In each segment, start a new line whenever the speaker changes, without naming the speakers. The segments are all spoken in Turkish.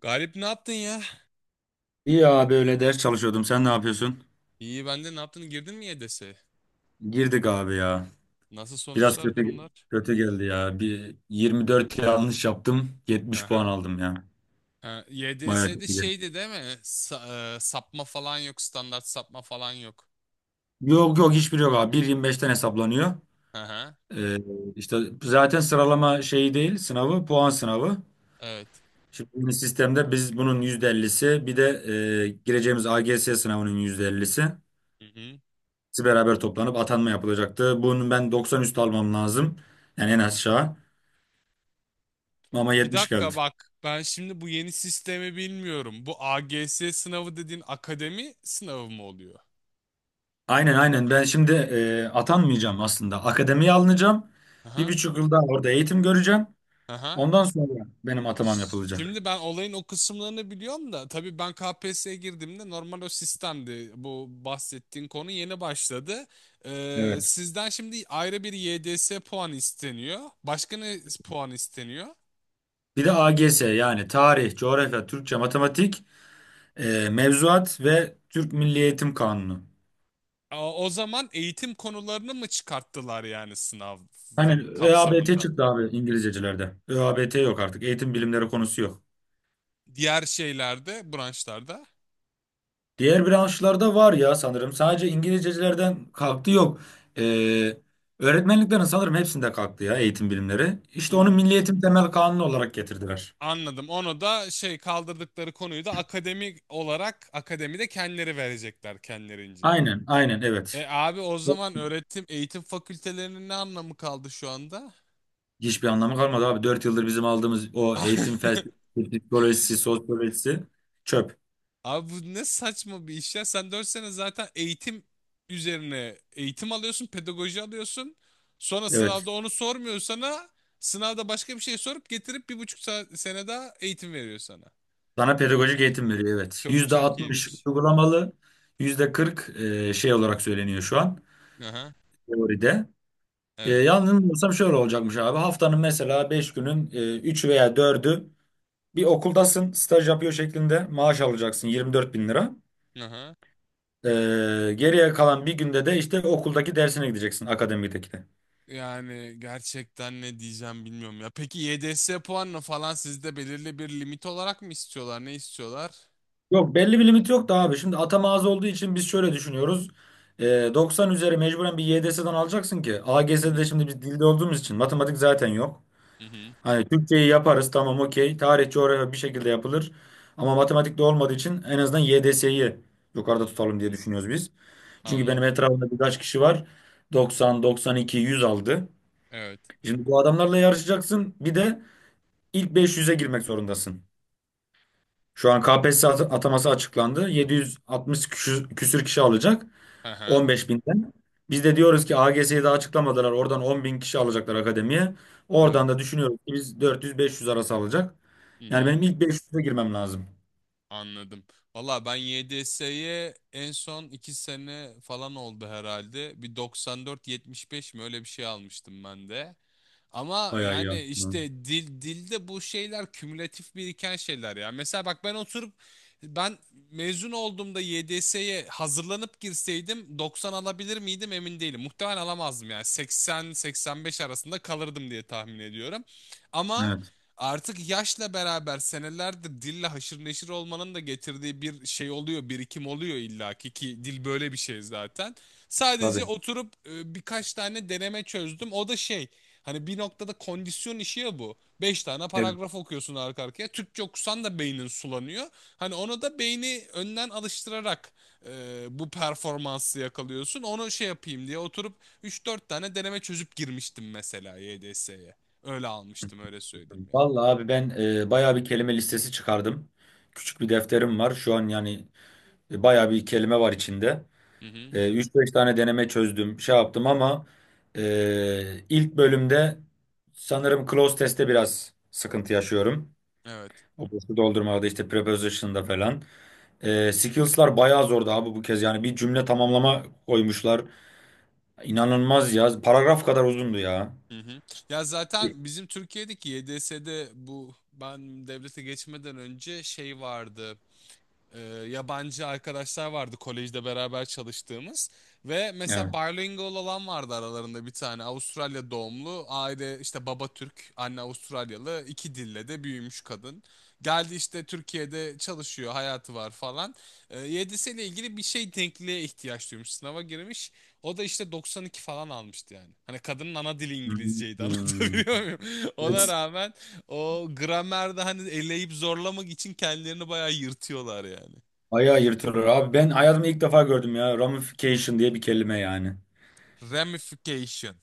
Galip ne yaptın ya?
İyi abi öyle ders çalışıyordum. Sen ne yapıyorsun?
İyi ben de ne yaptın? Girdin mi YDS'ye?
Girdik abi ya.
Nasıl
Biraz
sonuçlar,
kötü
durumlar?
kötü geldi ya. Bir 24 yanlış yaptım. 70 puan
Aha.
aldım ya.
Ha,
Bayağı
YDS'de
kötü.
şeydi değil mi? Sapma falan yok, standart sapma falan yok.
Yok yok hiçbir yok abi. 1.25'ten hesaplanıyor.
Aha.
Ee, işte zaten sıralama şeyi değil sınavı puan sınavı.
Evet.
Şimdi bu sistemde biz bunun %50'si bir de gireceğimiz AGS sınavının %50'si.
Hı hı.
Hepsi beraber toplanıp atanma yapılacaktı. Bunun ben 90 üstü almam lazım. Yani en aşağı. Ama
Bir
70
dakika
geldi.
bak, ben şimdi bu yeni sistemi bilmiyorum. Bu AGS sınavı dediğin akademi sınavı mı oluyor?
Aynen aynen ben şimdi atanmayacağım aslında. Akademiye alınacağım. Bir
Aha.
buçuk yıl daha orada eğitim göreceğim.
Aha.
Ondan sonra benim atamam yapılacak.
Şimdi ben olayın o kısımlarını biliyorum da tabii ben KPSS'ye girdiğimde normal o sistemdi. Bu bahsettiğin konu yeni başladı.
Evet.
Sizden şimdi ayrı bir YDS puan isteniyor. Başka ne puan isteniyor?
Bir de AGS yani tarih, coğrafya, Türkçe, matematik, mevzuat ve Türk Milli Eğitim Kanunu.
Aa, o zaman eğitim konularını mı çıkarttılar yani
Hani
sınavın
ÖABT
kapsamında?
çıktı abi İngilizcecilerde. ÖABT yok artık. Eğitim bilimleri konusu yok.
Diğer şeylerde, branşlarda?
Diğer branşlarda var ya sanırım. Sadece İngilizcecilerden kalktı yok. Ee, öğretmenliklerin sanırım hepsinde kalktı ya eğitim bilimleri. İşte onu
Hmm,
Milli Eğitim Temel Kanunu olarak getirdiler.
anladım. Onu da şey kaldırdıkları konuyu da akademik olarak akademide kendileri verecekler kendilerince.
Aynen, aynen
E
evet.
abi o zaman öğretim eğitim fakültelerinin ne anlamı kaldı şu anda?
Hiçbir anlamı kalmadı abi. Dört yıldır bizim aldığımız o eğitim felsefesi, psikolojisi, sosyolojisi çöp.
Abi bu ne saçma bir iş ya. Sen 4 sene zaten eğitim üzerine eğitim alıyorsun, pedagoji alıyorsun. Sonra
Evet.
sınavda onu sormuyor sana. Sınavda başka bir şey sorup getirip bir buçuk sene daha eğitim veriyor sana.
Sana pedagojik
İyiymiş.
eğitim veriyor evet.
Çok
Yüzde
çok
altmış
iyiymiş.
uygulamalı, %40 şey olarak söyleniyor şu an
Aha,
teoride. E,
evet.
yanılmıyorsam şöyle olacakmış abi. Haftanın mesela 5 günün 3 veya dördü bir okuldasın, staj yapıyor şeklinde maaş alacaksın 24 bin lira.
Aha.
E, geriye kalan bir günde de işte okuldaki dersine gideceksin, akademideki de.
Yani gerçekten ne diyeceğim bilmiyorum ya. Peki YDS puanını falan sizde belirli bir limit olarak mı istiyorlar? Ne istiyorlar?
Yok belli bir limit yok da abi. Şimdi atama az olduğu için biz şöyle düşünüyoruz. 90 üzeri mecburen bir YDS'den alacaksın ki.
Hı hı.
AGS'de şimdi biz dilde olduğumuz için matematik zaten yok.
Hı hı.
Hani Türkçeyi yaparız tamam okey. Tarih, coğrafya bir şekilde yapılır. Ama matematikte olmadığı için en azından YDS'yi yukarıda
Hmm,
tutalım diye düşünüyoruz biz. Çünkü benim
anladım.
etrafımda birkaç kişi var. 90, 92, 100 aldı.
Evet.
Şimdi bu adamlarla yarışacaksın. Bir de ilk 500'e girmek zorundasın. Şu an KPSS ataması açıklandı. 760 küsür kişi alacak.
Hı hı.
15 binden. Biz de diyoruz ki AGS'yi daha açıklamadılar. Oradan 10 bin kişi alacaklar akademiye.
Evet.
Oradan da düşünüyoruz ki biz 400-500 arası alacak.
Hı
Yani
hı.
benim ilk 500'e girmem lazım.
Anladım. Valla ben 7S'ye en son 2 sene falan oldu herhalde. Bir 94-75 mi öyle bir şey almıştım ben de. Ama
Bayağı iyi
yani
aslında.
işte dil dilde bu şeyler kümülatif biriken şeyler ya. Mesela bak ben oturup ben mezun olduğumda YDS'ye hazırlanıp girseydim 90 alabilir miydim emin değilim. Muhtemelen alamazdım yani 80-85 arasında kalırdım diye tahmin ediyorum. Ama
Evet.
artık yaşla beraber senelerdir dille haşır neşir olmanın da getirdiği bir şey oluyor, birikim oluyor illaki ki dil böyle bir şey zaten. Sadece
Tabii.
oturup birkaç tane deneme çözdüm. O da şey. Hani bir noktada kondisyon işi ya bu. Beş tane
Evet.
paragraf okuyorsun arka arkaya. Türkçe okusan da beynin sulanıyor. Hani ona da beyni önden alıştırarak bu performansı yakalıyorsun. Onu şey yapayım diye oturup üç dört tane deneme çözüp girmiştim mesela YDS'ye. Öyle almıştım öyle söyleyeyim yani.
Vallahi abi ben bayağı bir kelime listesi çıkardım. Küçük bir defterim var. Şu an yani bayağı bir kelime var içinde.
Hı hı.
3-5 tane deneme çözdüm. Şey yaptım ama ilk bölümde sanırım close test'te biraz sıkıntı yaşıyorum.
Evet.
Boşu doldurmada işte preposition'da falan. Skills'lar bayağı zordu abi bu kez. Yani bir cümle tamamlama koymuşlar. İnanılmaz ya. Paragraf kadar uzundu ya.
Hı hı. Ya zaten bizim Türkiye'deki YDS'de bu ben devlete geçmeden önce şey vardı. e, Yabancı arkadaşlar vardı kolejde beraber çalıştığımız ve mesela
Evet.
bilingual olan vardı aralarında bir tane Avustralya doğumlu aile işte baba Türk anne Avustralyalı iki dille de büyümüş kadın geldi işte Türkiye'de çalışıyor hayatı var falan YDS'yle ilgili bir şey denkliğe ihtiyaç duymuş sınava girmiş o da işte 92 falan almıştı yani hani kadının ana dili İngilizceydi
Hmm.
anlatabiliyor muyum ona
Evet.
rağmen o gramerde hani eleyip zorlamak için kendilerini bayağı yırtıyorlar yani.
Bayağı yırtılır abi. Ben hayatımda ilk defa gördüm ya. Ramification diye bir kelime yani.
Ramification.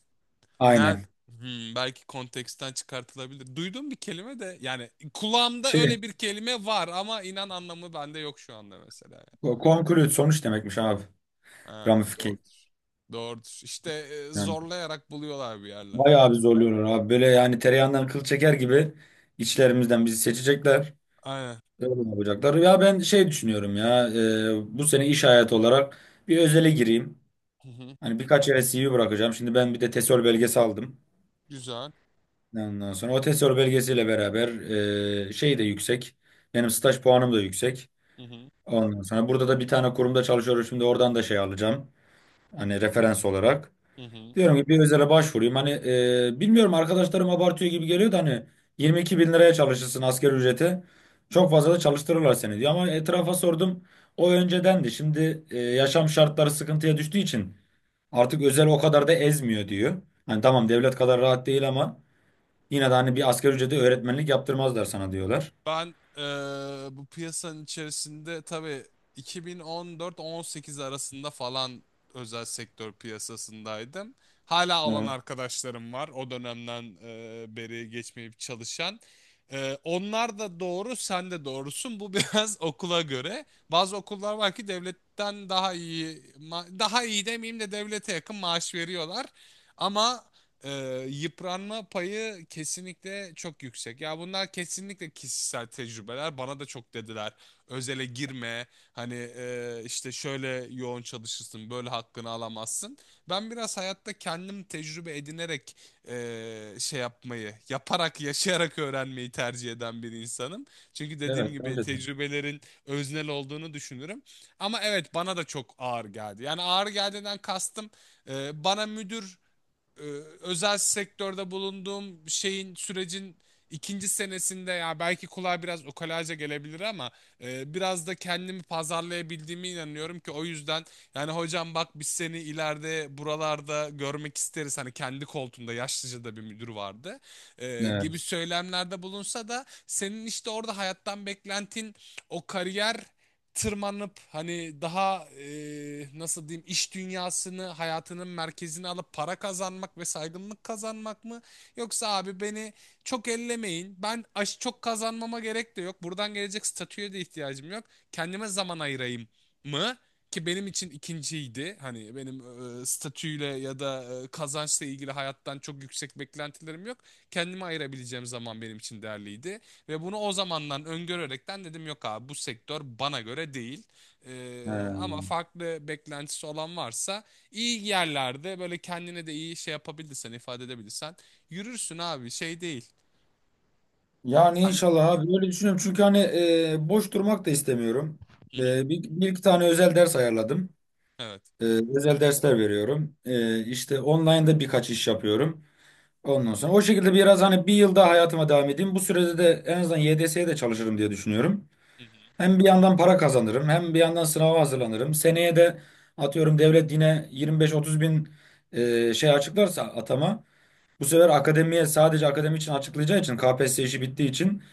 Ne?
Aynen.
Belki konteksten çıkartılabilir. Duyduğum bir kelime de yani kulağımda
Şey,
öyle bir kelime var ama inan anlamı bende yok şu anda mesela yani.
conclude sonuç demekmiş abi.
Ha,
Ramification.
doğrudur. Doğrudur. İşte
Yani
zorlayarak buluyorlar bir yerlerden,
bayağı
yani.
bir zorluyorlar abi. Böyle yani tereyağından kıl çeker gibi içlerimizden bizi seçecekler.
Aynen.
Öyle yapacaklar. Ya ben şey düşünüyorum ya bu sene iş hayatı olarak bir özele gireyim.
Hı hı.
Hani birkaç yere CV bırakacağım. Şimdi ben bir de TESOL belgesi aldım.
Güzel.
Ondan sonra o TESOL belgesiyle beraber şey de yüksek. Benim staj puanım da yüksek.
Hı hı.
Ondan sonra burada da bir tane kurumda çalışıyorum. Şimdi oradan da şey alacağım. Hani referans olarak.
Hı hı.
Diyorum ki bir özele başvurayım. Hani bilmiyorum arkadaşlarım abartıyor gibi geliyor da hani 22 bin liraya çalışırsın asgari ücreti. Çok fazla da çalıştırırlar seni diyor. Ama etrafa sordum. O öncedendi. Şimdi yaşam şartları sıkıntıya düştüğü için artık özel o kadar da ezmiyor diyor. Hani tamam devlet kadar rahat değil ama yine de hani bir asgari ücrete öğretmenlik yaptırmazlar sana diyorlar.
Ben bu piyasanın içerisinde tabii 2014-18 arasında falan özel sektör piyasasındaydım. Hala olan
Evet.
arkadaşlarım var o dönemden beri geçmeyip çalışan. Onlar da doğru, sen de doğrusun. Bu biraz okula göre. Bazı okullar var ki devletten daha iyi, daha iyi demeyeyim de devlete yakın maaş veriyorlar. Ama yıpranma payı kesinlikle çok yüksek. Ya bunlar kesinlikle kişisel tecrübeler. Bana da çok dediler. Özele girme. Hani işte şöyle yoğun çalışırsın, böyle hakkını alamazsın. Ben biraz hayatta kendim tecrübe edinerek şey yapmayı, yaparak, yaşayarak öğrenmeyi tercih eden bir insanım. Çünkü dediğim
Evet,
gibi
önceden.
tecrübelerin öznel olduğunu düşünürüm. Ama evet bana da çok ağır geldi. Yani ağır geldiğinden kastım bana müdür e, özel sektörde bulunduğum şeyin sürecin ikinci senesinde ya belki kulağa biraz ukalaca gelebilir ama biraz da kendimi pazarlayabildiğime inanıyorum ki o yüzden yani hocam bak biz seni ileride buralarda görmek isteriz hani kendi koltuğunda yaşlıca da bir müdür vardı gibi
Evet.
söylemlerde bulunsa da senin işte orada hayattan beklentin o kariyer tırmanıp hani daha nasıl diyeyim iş dünyasını hayatının merkezine alıp para kazanmak ve saygınlık kazanmak mı? Yoksa abi beni çok ellemeyin. Ben aş çok kazanmama gerek de yok. Buradan gelecek statüye de ihtiyacım yok. Kendime zaman ayırayım mı? Ki benim için ikinciydi. Hani benim statüyle ya da kazançla ilgili hayattan çok yüksek beklentilerim yok. Kendime ayırabileceğim zaman benim için değerliydi. Ve bunu o zamandan öngörerekten dedim yok abi bu sektör bana göre değil. Ama
He.
farklı beklentisi olan varsa iyi yerlerde böyle kendine de iyi şey yapabilirsen ifade edebilirsen yürürsün abi şey değil.
Yani
Hadi.
inşallah abi öyle düşünüyorum. Çünkü hani boş durmak da istemiyorum.
Hı hı.
Bir iki tane özel ders ayarladım.
Evet.
E, özel dersler veriyorum. E, işte online'da birkaç iş yapıyorum. Ondan sonra o şekilde biraz hani bir yıl daha hayatıma devam edeyim. Bu sürede de en azından YDS'ye de çalışırım diye düşünüyorum.
Hı hı.
Hem bir yandan para kazanırım hem bir yandan sınava hazırlanırım. Seneye de atıyorum devlet yine 25-30 bin şey açıklarsa atama. Bu sefer akademiye sadece akademi için açıklayacağı için KPSS işi bittiği için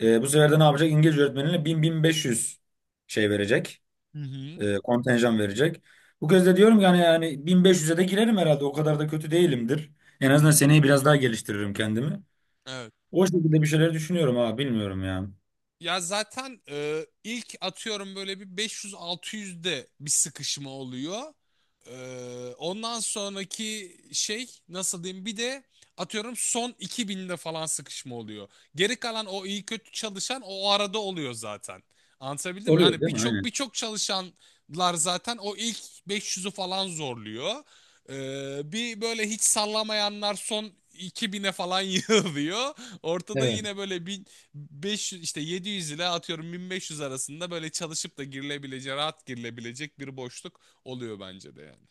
bu sefer de ne yapacak? İngilizce öğretmenine 1000-1500 şey verecek.
Hı hı.
Kontenjan verecek. Bu kez de diyorum ki hani yani 1500'e de girerim herhalde. O kadar da kötü değilimdir. En
Hı
azından
hı.
seneyi biraz daha geliştiririm kendimi.
Evet.
O şekilde bir şeyler düşünüyorum abi bilmiyorum ya.
Ya zaten ilk atıyorum böyle bir 500-600'de bir sıkışma oluyor. E, Ondan sonraki şey nasıl diyeyim bir de atıyorum son 2000'de falan sıkışma oluyor. Geri kalan o iyi kötü çalışan o arada oluyor zaten. Anlatabildim mi?
Oluyor
Yani
değil mi?
birçok
Aynen.
birçok çalışanlar zaten o ilk 500'ü falan zorluyor. Bir böyle hiç sallamayanlar son 2000'e falan yığılıyor. Ortada
Evet.
yine böyle 500 işte 700 ile atıyorum 1500 arasında böyle çalışıp da girilebileceği, rahat girilebilecek bir boşluk oluyor bence de yani.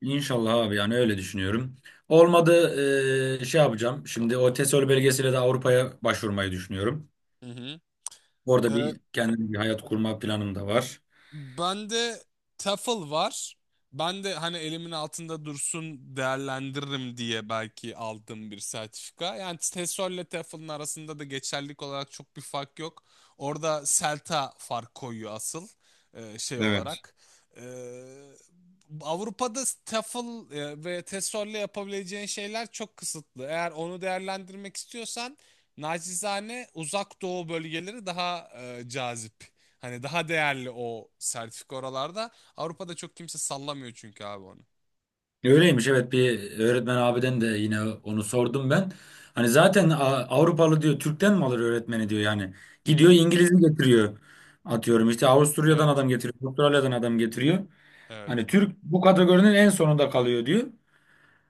İnşallah abi yani öyle düşünüyorum. Olmadı şey yapacağım. Şimdi o TESOL belgesiyle de Avrupa'ya başvurmayı düşünüyorum.
Hı hı.
Orada bir kendim bir hayat kurma planım da var.
Bende Tafel var. Ben de hani elimin altında dursun değerlendiririm diye belki aldığım bir sertifika. Yani TESOL ile Tafel'ın arasında da geçerlilik olarak çok bir fark yok. Orada Selta fark koyuyor asıl şey
Evet.
olarak. E, Avrupa'da TEFL ve TESOL ile yapabileceğin şeyler çok kısıtlı. Eğer onu değerlendirmek istiyorsan nacizane Uzak Doğu bölgeleri daha cazip. Hani daha değerli o sertifika oralarda. Avrupa'da çok kimse sallamıyor çünkü abi onu.
Öyleymiş evet bir öğretmen abiden de yine onu sordum ben. Hani zaten Avrupalı diyor Türk'ten mi alır öğretmeni diyor yani.
Hı
Gidiyor
hı.
İngiliz'i getiriyor. Atıyorum işte Avusturya'dan
Evet.
adam getiriyor. Avustralya'dan adam getiriyor. Hani
Evet.
Türk bu kategorinin en sonunda kalıyor diyor.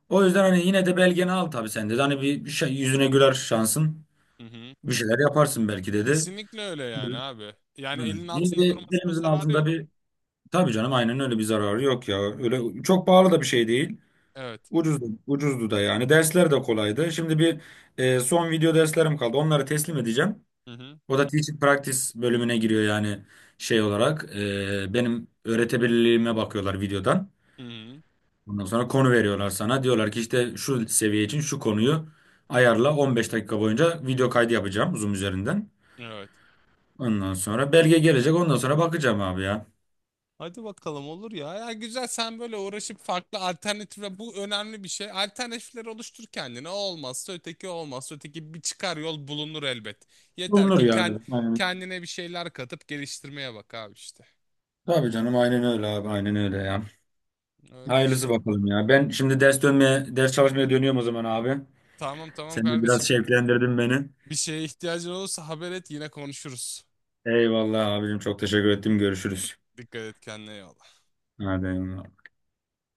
O yüzden hani yine de belgeni al tabii sen dedi. Hani bir şey, yüzüne güler şansın.
Hı hı.
Bir şeyler yaparsın belki dedi.
Kesinlikle öyle yani
Hı.
abi. Yani elin
Yine de
altında durmasına
elimizin
zararı
altında
yok.
bir. Tabii canım aynen öyle bir zararı yok ya.
Hı hı.
Öyle çok pahalı da bir şey değil.
Evet.
Ucuzdu, ucuzdu da yani. Dersler de kolaydı. Şimdi bir son video derslerim kaldı. Onları teslim edeceğim.
Hı hı.
O da Teaching Practice bölümüne giriyor yani şey olarak. Benim öğretebilirliğime bakıyorlar videodan.
Hı hı.
Ondan sonra konu veriyorlar sana. Diyorlar ki işte şu seviye için şu konuyu ayarla. 15 dakika boyunca video kaydı yapacağım Zoom üzerinden.
Evet.
Ondan sonra belge gelecek. Ondan sonra bakacağım abi ya.
Hadi bakalım olur ya. Ya güzel sen böyle uğraşıp farklı alternatifle bu önemli bir şey. Alternatifleri oluştur kendine. O olmazsa öteki o olmazsa öteki bir çıkar yol bulunur elbet. Yeter
Bulunur
ki
ya.
kendine bir şeyler katıp geliştirmeye bak abi işte.
Tabii canım aynen öyle abi aynen öyle ya.
Öyle
Hayırlısı
işte.
bakalım ya. Ben şimdi ders çalışmaya dönüyorum o zaman abi.
Tamam tamam
Sen de biraz
kardeşim.
şevklendirdin beni.
Bir şeye ihtiyacın olursa haber et yine konuşuruz.
Eyvallah abicim çok teşekkür ettim. Görüşürüz.
Dikkat et kendine iyi
Hadi eyvallah.